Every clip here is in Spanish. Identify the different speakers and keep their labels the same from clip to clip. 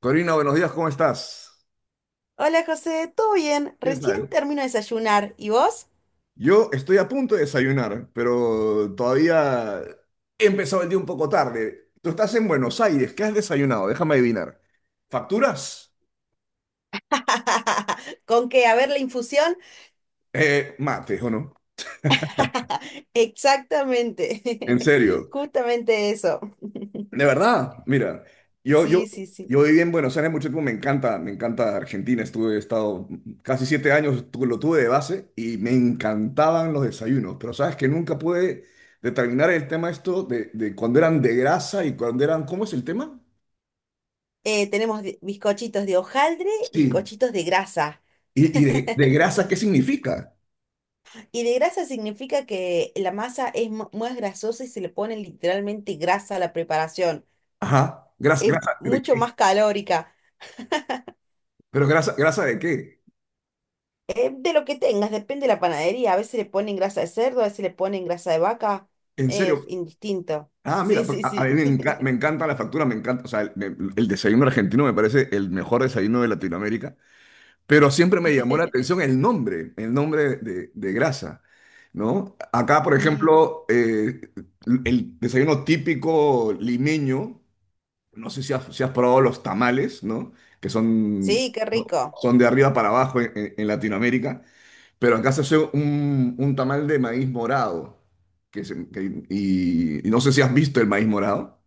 Speaker 1: Corina, buenos días, ¿cómo estás?
Speaker 2: Hola José, ¿todo bien?
Speaker 1: ¿Qué
Speaker 2: Recién
Speaker 1: tal?
Speaker 2: termino de desayunar. ¿Y vos?
Speaker 1: Yo estoy a punto de desayunar, pero todavía he empezado el día un poco tarde. Tú estás en Buenos Aires, ¿qué has desayunado? Déjame adivinar. ¿Facturas?
Speaker 2: ¿Con qué? A ver, la infusión.
Speaker 1: Mates, ¿o no? En
Speaker 2: Exactamente.
Speaker 1: serio.
Speaker 2: Justamente eso.
Speaker 1: De verdad, mira, yo, yo,
Speaker 2: Sí, sí, sí.
Speaker 1: yo viví en Buenos Aires mucho tiempo, me encanta Argentina, estuve, he estado casi 7 años, lo tuve de base y me encantaban los desayunos, pero sabes que nunca pude determinar el tema esto de cuando eran de grasa y cuando eran, ¿cómo es el tema?
Speaker 2: Tenemos bizcochitos de hojaldre,
Speaker 1: Sí.
Speaker 2: bizcochitos de grasa.
Speaker 1: ¿Y de grasa qué significa?
Speaker 2: Y de grasa significa que la masa es más grasosa y se le pone literalmente grasa a la preparación.
Speaker 1: Ajá, grasa,
Speaker 2: Es
Speaker 1: grasa de
Speaker 2: mucho
Speaker 1: qué,
Speaker 2: más calórica.
Speaker 1: pero grasa, grasa de qué,
Speaker 2: De lo que tengas, depende de la panadería. A veces le ponen grasa de cerdo, a veces le ponen grasa de vaca.
Speaker 1: en
Speaker 2: Es
Speaker 1: serio.
Speaker 2: indistinto.
Speaker 1: Ah, mira,
Speaker 2: Sí, sí,
Speaker 1: a mí me,
Speaker 2: sí.
Speaker 1: me encanta la factura, me encanta, o sea, el, el desayuno argentino me parece el mejor desayuno de Latinoamérica. Pero siempre me llamó la atención el nombre de grasa, ¿no? Acá, por
Speaker 2: Sí,
Speaker 1: ejemplo, el desayuno típico limeño, no sé si has, si has probado los tamales, ¿no? Que son,
Speaker 2: sí, qué rico.
Speaker 1: son de arriba para abajo en, en Latinoamérica, pero acá se hace un tamal de maíz morado, y no sé si has visto el maíz morado.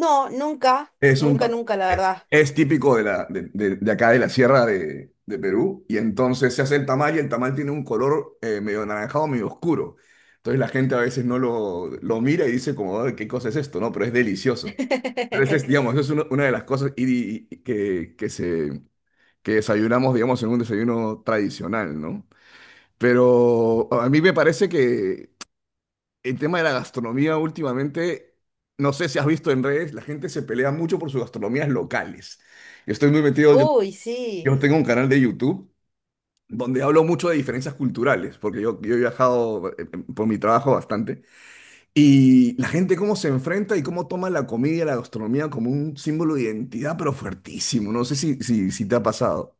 Speaker 2: No, nunca,
Speaker 1: Es un,
Speaker 2: nunca, nunca, la verdad.
Speaker 1: es típico de, la, de, de acá de la sierra de Perú y entonces se hace el tamal y el tamal tiene un color medio anaranjado, medio oscuro. Entonces la gente a veces no lo mira y dice como, "Ay, ¿qué cosa es esto?". ¿No? Pero es delicioso. Pero ese es, digamos, esa es una de las cosas que desayunamos, digamos, en un desayuno tradicional, ¿no? Pero a mí me parece que el tema de la gastronomía últimamente, no sé si has visto en redes, la gente se pelea mucho por sus gastronomías locales. Yo estoy muy metido, yo
Speaker 2: Uy, sí.
Speaker 1: yo tengo un canal de YouTube donde hablo mucho de diferencias culturales, porque yo he viajado por mi trabajo bastante, y la gente cómo se enfrenta y cómo toma la comida y la gastronomía como un símbolo de identidad, pero fuertísimo. No sé si te ha pasado.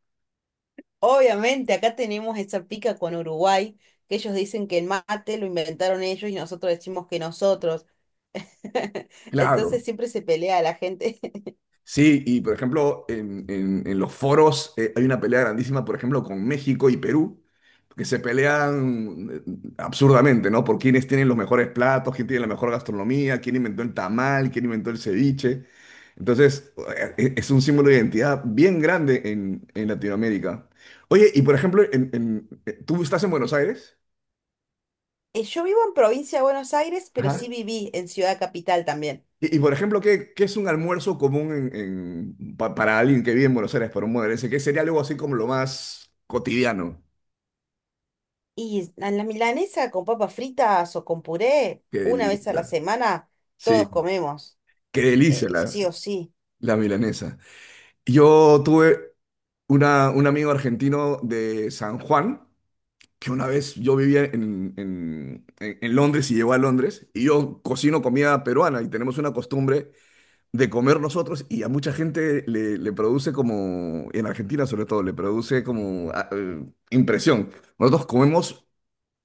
Speaker 2: Obviamente, acá tenemos esa pica con Uruguay, que ellos dicen que el mate lo inventaron ellos y nosotros decimos que nosotros.
Speaker 1: Claro.
Speaker 2: Entonces siempre se pelea la gente.
Speaker 1: Sí, y por ejemplo, en, en los foros hay una pelea grandísima, por ejemplo, con México y Perú, que se pelean absurdamente, ¿no? Por quiénes tienen los mejores platos, quién tiene la mejor gastronomía, quién inventó el tamal, quién inventó el ceviche. Entonces, es un símbolo de identidad bien grande en Latinoamérica. Oye, y por ejemplo, ¿tú estás en Buenos Aires?
Speaker 2: Yo vivo en provincia de Buenos Aires, pero sí viví en Ciudad Capital también.
Speaker 1: Por ejemplo, ¿ qué es un almuerzo común en, para alguien que vive en Buenos Aires, para un modelense? ¿Qué sería algo así como lo más cotidiano?
Speaker 2: Y a la milanesa con papas fritas o con puré,
Speaker 1: Qué
Speaker 2: una vez a la
Speaker 1: delicia.
Speaker 2: semana,
Speaker 1: Sí,
Speaker 2: todos comemos,
Speaker 1: qué delicia la,
Speaker 2: sí o sí.
Speaker 1: la milanesa. Yo tuve una, un amigo argentino de San Juan, que una vez yo vivía en, en Londres y llegó a Londres, y yo cocino comida peruana y tenemos una costumbre de comer nosotros y a mucha gente le, le produce como, en Argentina sobre todo, le produce como impresión. Nosotros comemos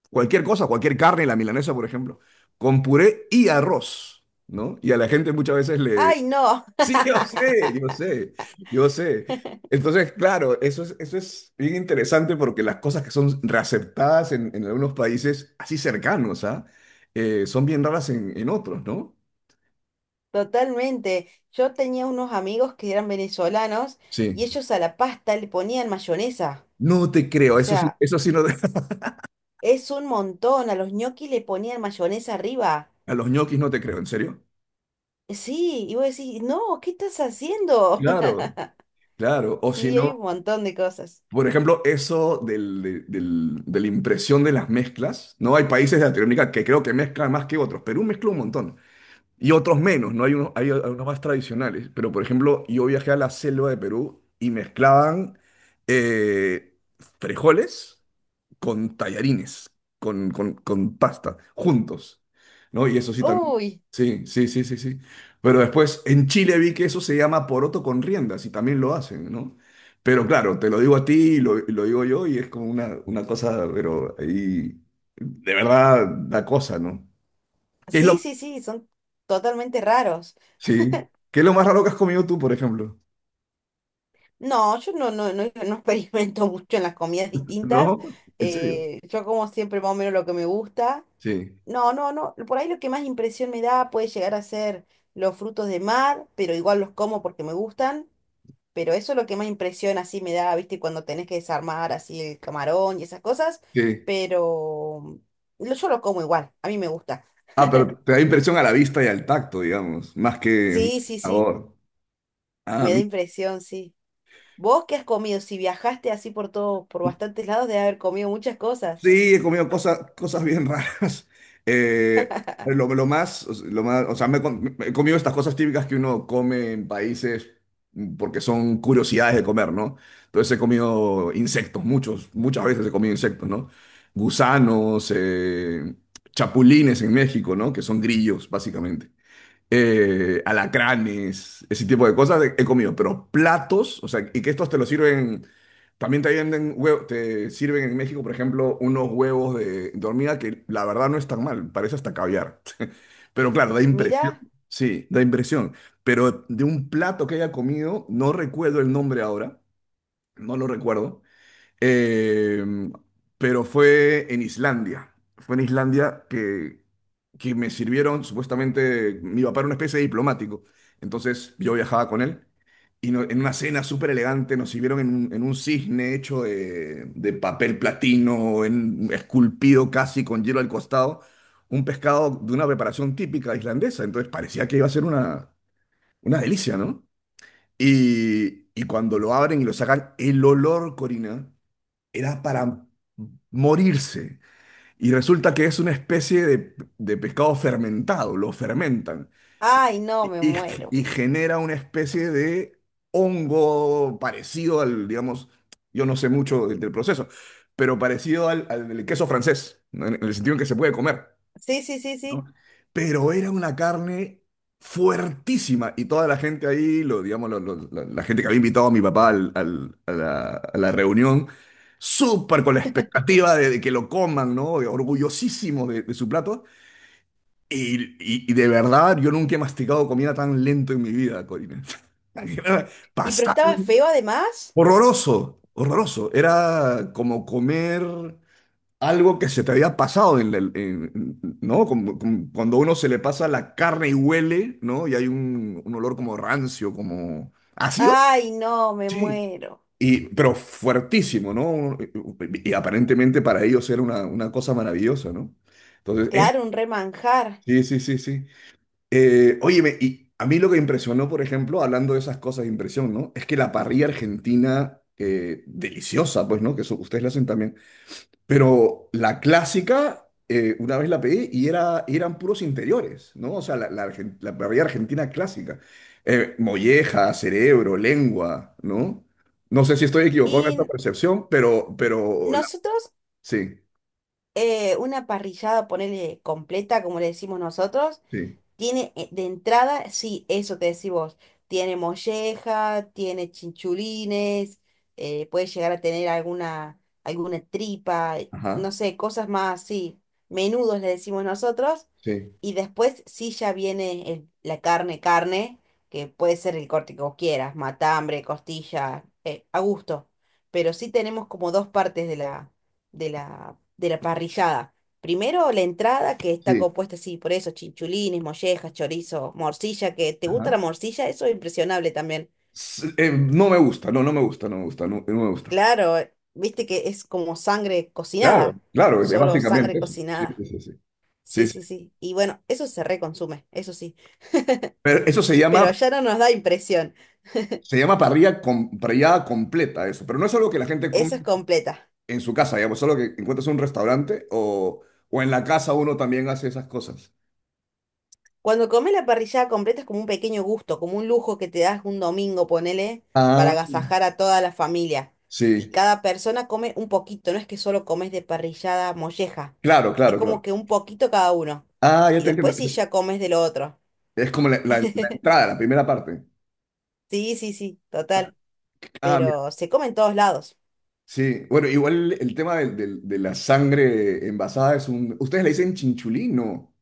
Speaker 1: cualquier cosa, cualquier carne, la milanesa, por ejemplo, con puré y arroz, ¿no? Y a la gente muchas veces le...
Speaker 2: ¡Ay, no!
Speaker 1: Sí, yo sé, yo sé, yo sé. Entonces, claro, eso es bien interesante porque las cosas que son reaceptadas en algunos países así cercanos, ¿ah? Son bien raras en otros, ¿no?
Speaker 2: Totalmente. Yo tenía unos amigos que eran venezolanos y
Speaker 1: Sí.
Speaker 2: ellos a la pasta le ponían mayonesa.
Speaker 1: No te creo,
Speaker 2: O sea,
Speaker 1: eso sí no,
Speaker 2: es un montón. A los ñoquis le ponían mayonesa arriba.
Speaker 1: a los ñoquis no te creo, ¿en serio?
Speaker 2: Sí, y vos decís, no, ¿qué estás haciendo?
Speaker 1: Claro, claro. O si
Speaker 2: Sí, hay un
Speaker 1: no,
Speaker 2: montón de cosas.
Speaker 1: por ejemplo, eso del, de la impresión de las mezclas, ¿no? Hay países de Latinoamérica que creo que mezclan más que otros. Perú mezcla un montón. Y otros menos, ¿no? Hay unos más tradicionales. Pero, por ejemplo, yo viajé a la selva de Perú y mezclaban eh, frijoles con tallarines, con pasta, juntos, ¿no? Y eso sí también.
Speaker 2: Uy,
Speaker 1: Sí, sí, sí, sí, sí. Pero después en Chile vi que eso se llama poroto con riendas y también lo hacen, ¿no? Pero claro, te lo digo a ti y lo digo yo y es como una cosa, pero ahí de verdad da cosa, ¿no? ¿Qué es
Speaker 2: sí,
Speaker 1: lo,
Speaker 2: sí, sí, son totalmente raros.
Speaker 1: sí, ¿qué es lo más raro que has comido tú, por ejemplo?
Speaker 2: No, yo no, no, no, no experimento mucho en las comidas distintas.
Speaker 1: ¿No? ¿En serio?
Speaker 2: Yo como siempre más o menos lo que me gusta.
Speaker 1: Sí,
Speaker 2: No, no, no. Por ahí lo que más impresión me da puede llegar a ser los frutos de mar, pero igual los como porque me gustan. Pero eso es lo que más impresión así me da, ¿viste? Cuando tenés que desarmar así el camarón y esas cosas.
Speaker 1: sí.
Speaker 2: Pero yo lo como igual, a mí me gusta.
Speaker 1: Ah, pero te da impresión a la vista y al tacto, digamos, más que
Speaker 2: Sí, sí, sí,
Speaker 1: sabor. Ah,
Speaker 2: me da
Speaker 1: mira.
Speaker 2: impresión, sí. ¿Vos qué has comido? Si viajaste así por todo, por bastantes lados, de haber comido muchas cosas.
Speaker 1: Sí, he comido cosas, cosas bien raras. Eh, lo más, o sea, me, me he comido estas cosas típicas que uno come en países, mm, porque son curiosidades de comer, ¿no? Entonces he comido insectos, muchos, muchas veces he comido insectos, ¿no? Gusanos, chapulines en México, ¿no? Que son grillos, básicamente alacranes, ese tipo de cosas he comido, pero platos, o sea, y que estos te los sirven, también te venden huevos, te sirven en México, por ejemplo, unos huevos de hormiga que la verdad no es tan mal, parece hasta caviar, pero claro, da impresión,
Speaker 2: Mira,
Speaker 1: sí, da impresión, pero de un plato que haya comido, no recuerdo el nombre ahora, no lo recuerdo, eh, pero fue en Islandia. Fue en Islandia que me sirvieron, supuestamente, mi papá era una especie de diplomático. Entonces yo viajaba con él y en una cena súper elegante nos sirvieron en un cisne hecho de papel platino, esculpido casi con hielo al costado, un pescado de una preparación típica islandesa. Entonces parecía que iba a ser una delicia, ¿no? Y cuando lo abren y lo sacan, el olor, Corina, era para morirse. Y resulta que es una especie de pescado fermentado, lo fermentan
Speaker 2: ay, no,
Speaker 1: y,
Speaker 2: me
Speaker 1: y-
Speaker 2: muero.
Speaker 1: y genera una especie de hongo parecido al, digamos, yo no sé mucho del proceso, pero parecido al, al del queso francés, ¿no?, en el sentido en que se puede comer.
Speaker 2: Sí, sí, sí,
Speaker 1: ¿No?
Speaker 2: sí.
Speaker 1: Pero era una carne fuertísima y toda la gente ahí, lo, digamos, la, la gente que había invitado a mi papá a la reunión, súper con la expectativa de que lo coman, ¿no?, orgullosísimo de su plato. Y de verdad, yo nunca he masticado comida tan lento en mi vida, Corina.
Speaker 2: ¿Y pero
Speaker 1: Pasaba,
Speaker 2: estaba feo además?
Speaker 1: horroroso, horroroso. Era como comer algo que se te había pasado en ¿no? Como cuando uno se le pasa la carne y huele, ¿no? Y hay un olor como rancio, como ácido.
Speaker 2: Ay, no, me
Speaker 1: Sí,
Speaker 2: muero.
Speaker 1: pero fuertísimo, ¿no? Y aparentemente para ellos era una cosa maravillosa, ¿no? Entonces, eso,
Speaker 2: Claro, un remanjar.
Speaker 1: sí, sí, sí, sí. Óyeme, y a mí lo que me impresionó, por ejemplo, hablando de esas cosas de impresión, ¿no? Es que la parrilla argentina, deliciosa, pues, ¿no? Que eso, ustedes la hacen también. Pero la clásica, una vez la pedí y era, eran puros interiores, ¿no? O sea, la, la parrilla argentina clásica. Molleja, cerebro, lengua, ¿no? No sé si estoy equivocado en esta
Speaker 2: Y
Speaker 1: percepción, pero,
Speaker 2: nosotros,
Speaker 1: sí,
Speaker 2: una parrillada, ponele completa, como le decimos nosotros,
Speaker 1: sí,
Speaker 2: tiene de entrada, sí, eso te decís vos. Tiene molleja, tiene chinchulines, puede llegar a tener alguna, alguna tripa, no
Speaker 1: ajá,
Speaker 2: sé, cosas más así. Menudos le decimos nosotros.
Speaker 1: sí,
Speaker 2: Y después sí ya viene la carne, carne, que puede ser el corte que vos quieras, matambre, costilla, a gusto. Pero sí tenemos como dos partes de de la parrillada. Primero la entrada que está
Speaker 1: sí,
Speaker 2: compuesta así, por eso, chinchulines, mollejas, chorizo, morcilla, que te gusta la
Speaker 1: ajá.
Speaker 2: morcilla, eso es impresionable también.
Speaker 1: No me gusta, no, no me gusta, no me gusta, no, no me gusta.
Speaker 2: Claro, viste que es como sangre
Speaker 1: Claro.
Speaker 2: cocinada,
Speaker 1: Claro, es
Speaker 2: solo
Speaker 1: básicamente
Speaker 2: sangre
Speaker 1: eso. Sí, sí,
Speaker 2: cocinada.
Speaker 1: sí, sí. Sí,
Speaker 2: Sí,
Speaker 1: sí.
Speaker 2: sí, sí. Y bueno, eso se reconsume, eso sí.
Speaker 1: Pero eso se llama,
Speaker 2: Pero allá no nos da impresión,
Speaker 1: se llama parrillada completa, eso. Pero no es algo que la gente come
Speaker 2: eso es completa.
Speaker 1: en su casa, digamos, solo que encuentras un restaurante o en la casa uno también hace esas cosas.
Speaker 2: Cuando comes la parrillada completa es como un pequeño gusto, como un lujo que te das un domingo, ponele, para
Speaker 1: Ah,
Speaker 2: agasajar a toda la familia. Y
Speaker 1: sí,
Speaker 2: cada persona come un poquito, no es que solo comes de parrillada molleja,
Speaker 1: claro,
Speaker 2: es
Speaker 1: claro,
Speaker 2: como
Speaker 1: claro.
Speaker 2: que un poquito cada uno.
Speaker 1: Ah, ya
Speaker 2: Y
Speaker 1: te entiendo.
Speaker 2: después sí ya comes de lo otro.
Speaker 1: Es como la, la entrada, la primera parte.
Speaker 2: Sí, sí, sí, total,
Speaker 1: Ah, mira,
Speaker 2: pero se come en todos lados.
Speaker 1: sí. Bueno, igual el tema de la sangre envasada es un... ¿Ustedes le dicen chinchulín? No.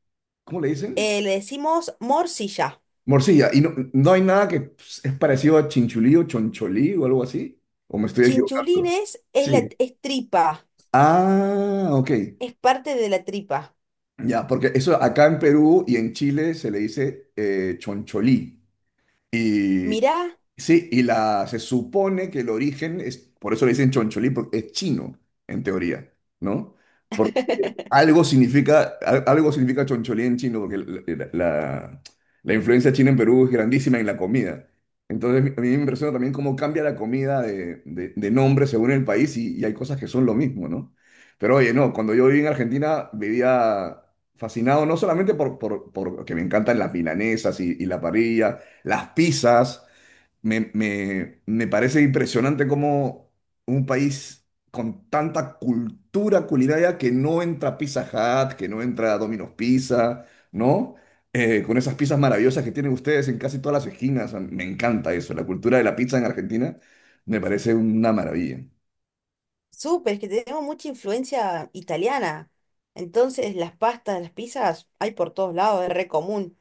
Speaker 1: ¿Cómo le dicen?
Speaker 2: Le decimos morcilla.
Speaker 1: Morcilla. ¿Y no hay nada que es parecido a chinchulí o choncholí o algo así? ¿O me estoy equivocando?
Speaker 2: Chinchulines es
Speaker 1: Sí.
Speaker 2: es tripa,
Speaker 1: Ah, ok.
Speaker 2: es parte de la tripa.
Speaker 1: Ya, porque eso acá en Perú y en Chile se le dice choncholí. Y
Speaker 2: Mirá.
Speaker 1: sí, y la, se supone que el origen es, por eso le dicen choncholí, porque es chino, en teoría, ¿no? Algo significa, algo significa choncholí en chino, porque la, la influencia china en Perú es grandísima en la comida. Entonces, a mí me impresiona también cómo cambia la comida de, de nombre según el país y hay cosas que son lo mismo, ¿no? Pero oye, no, cuando yo viví en Argentina vivía fascinado, no solamente por, que me encantan las milanesas y la parrilla, las pizzas, me, me parece impresionante cómo un país con tanta cultura culinaria que no entra Pizza Hut, que no entra Domino's Pizza, ¿no? Con esas pizzas maravillosas que tienen ustedes en casi todas las esquinas. A mí me encanta eso. La cultura de la pizza en Argentina me parece una maravilla.
Speaker 2: Súper, es que tenemos mucha influencia italiana. Entonces, las pastas, las pizzas, hay por todos lados, es re común.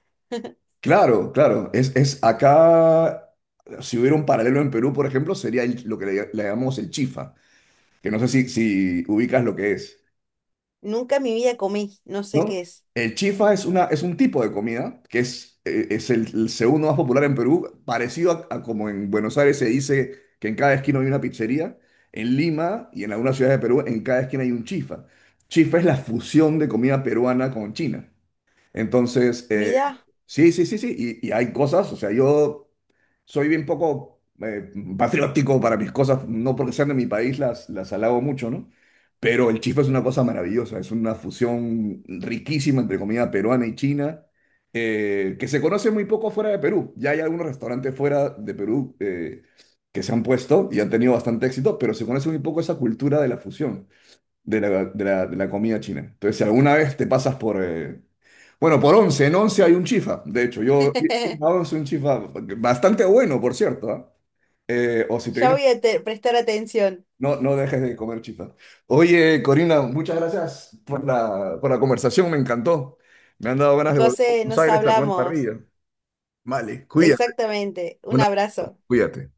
Speaker 1: Claro, claro. Es acá, si hubiera un paralelo en Perú, por ejemplo, sería lo que le llamamos el chifa, que no sé si ubicas lo que es.
Speaker 2: Nunca en mi vida comí, no sé qué
Speaker 1: ¿No?
Speaker 2: es.
Speaker 1: El chifa es, una, es un tipo de comida que es el segundo más popular en Perú, parecido a como en Buenos Aires se dice que en cada esquina hay una pizzería, en Lima y en algunas ciudades de Perú en cada esquina hay un chifa. Chifa es la fusión de comida peruana con China. Entonces,
Speaker 2: Mirá,
Speaker 1: sí, sí, sí, sí, y hay cosas, o sea, yo soy bien poco patriótico para mis cosas, no porque sean de mi país, las alabo mucho, ¿no? Pero el chifa es una cosa maravillosa, es una fusión riquísima entre comida peruana y china, que se conoce muy poco fuera de Perú. Ya hay algunos restaurantes fuera de Perú que se han puesto y han tenido bastante éxito, pero se conoce muy poco esa cultura de la fusión de la, de la comida china. Entonces, si alguna vez te pasas por... bueno, por Once, en Once hay un chifa. De hecho, yo a Once un chifa bastante bueno, por cierto. ¿Ah? O si te
Speaker 2: ya
Speaker 1: vienes,
Speaker 2: voy a prestar atención.
Speaker 1: no, no dejes de comer chifa. Oye, Corina, muchas gracias por la conversación, me encantó. Me han dado ganas de volver a
Speaker 2: José,
Speaker 1: Buenos
Speaker 2: nos
Speaker 1: Aires a comer
Speaker 2: hablamos.
Speaker 1: parrilla. Vale, cuídate.
Speaker 2: Exactamente, un
Speaker 1: Una,
Speaker 2: abrazo.
Speaker 1: cuídate.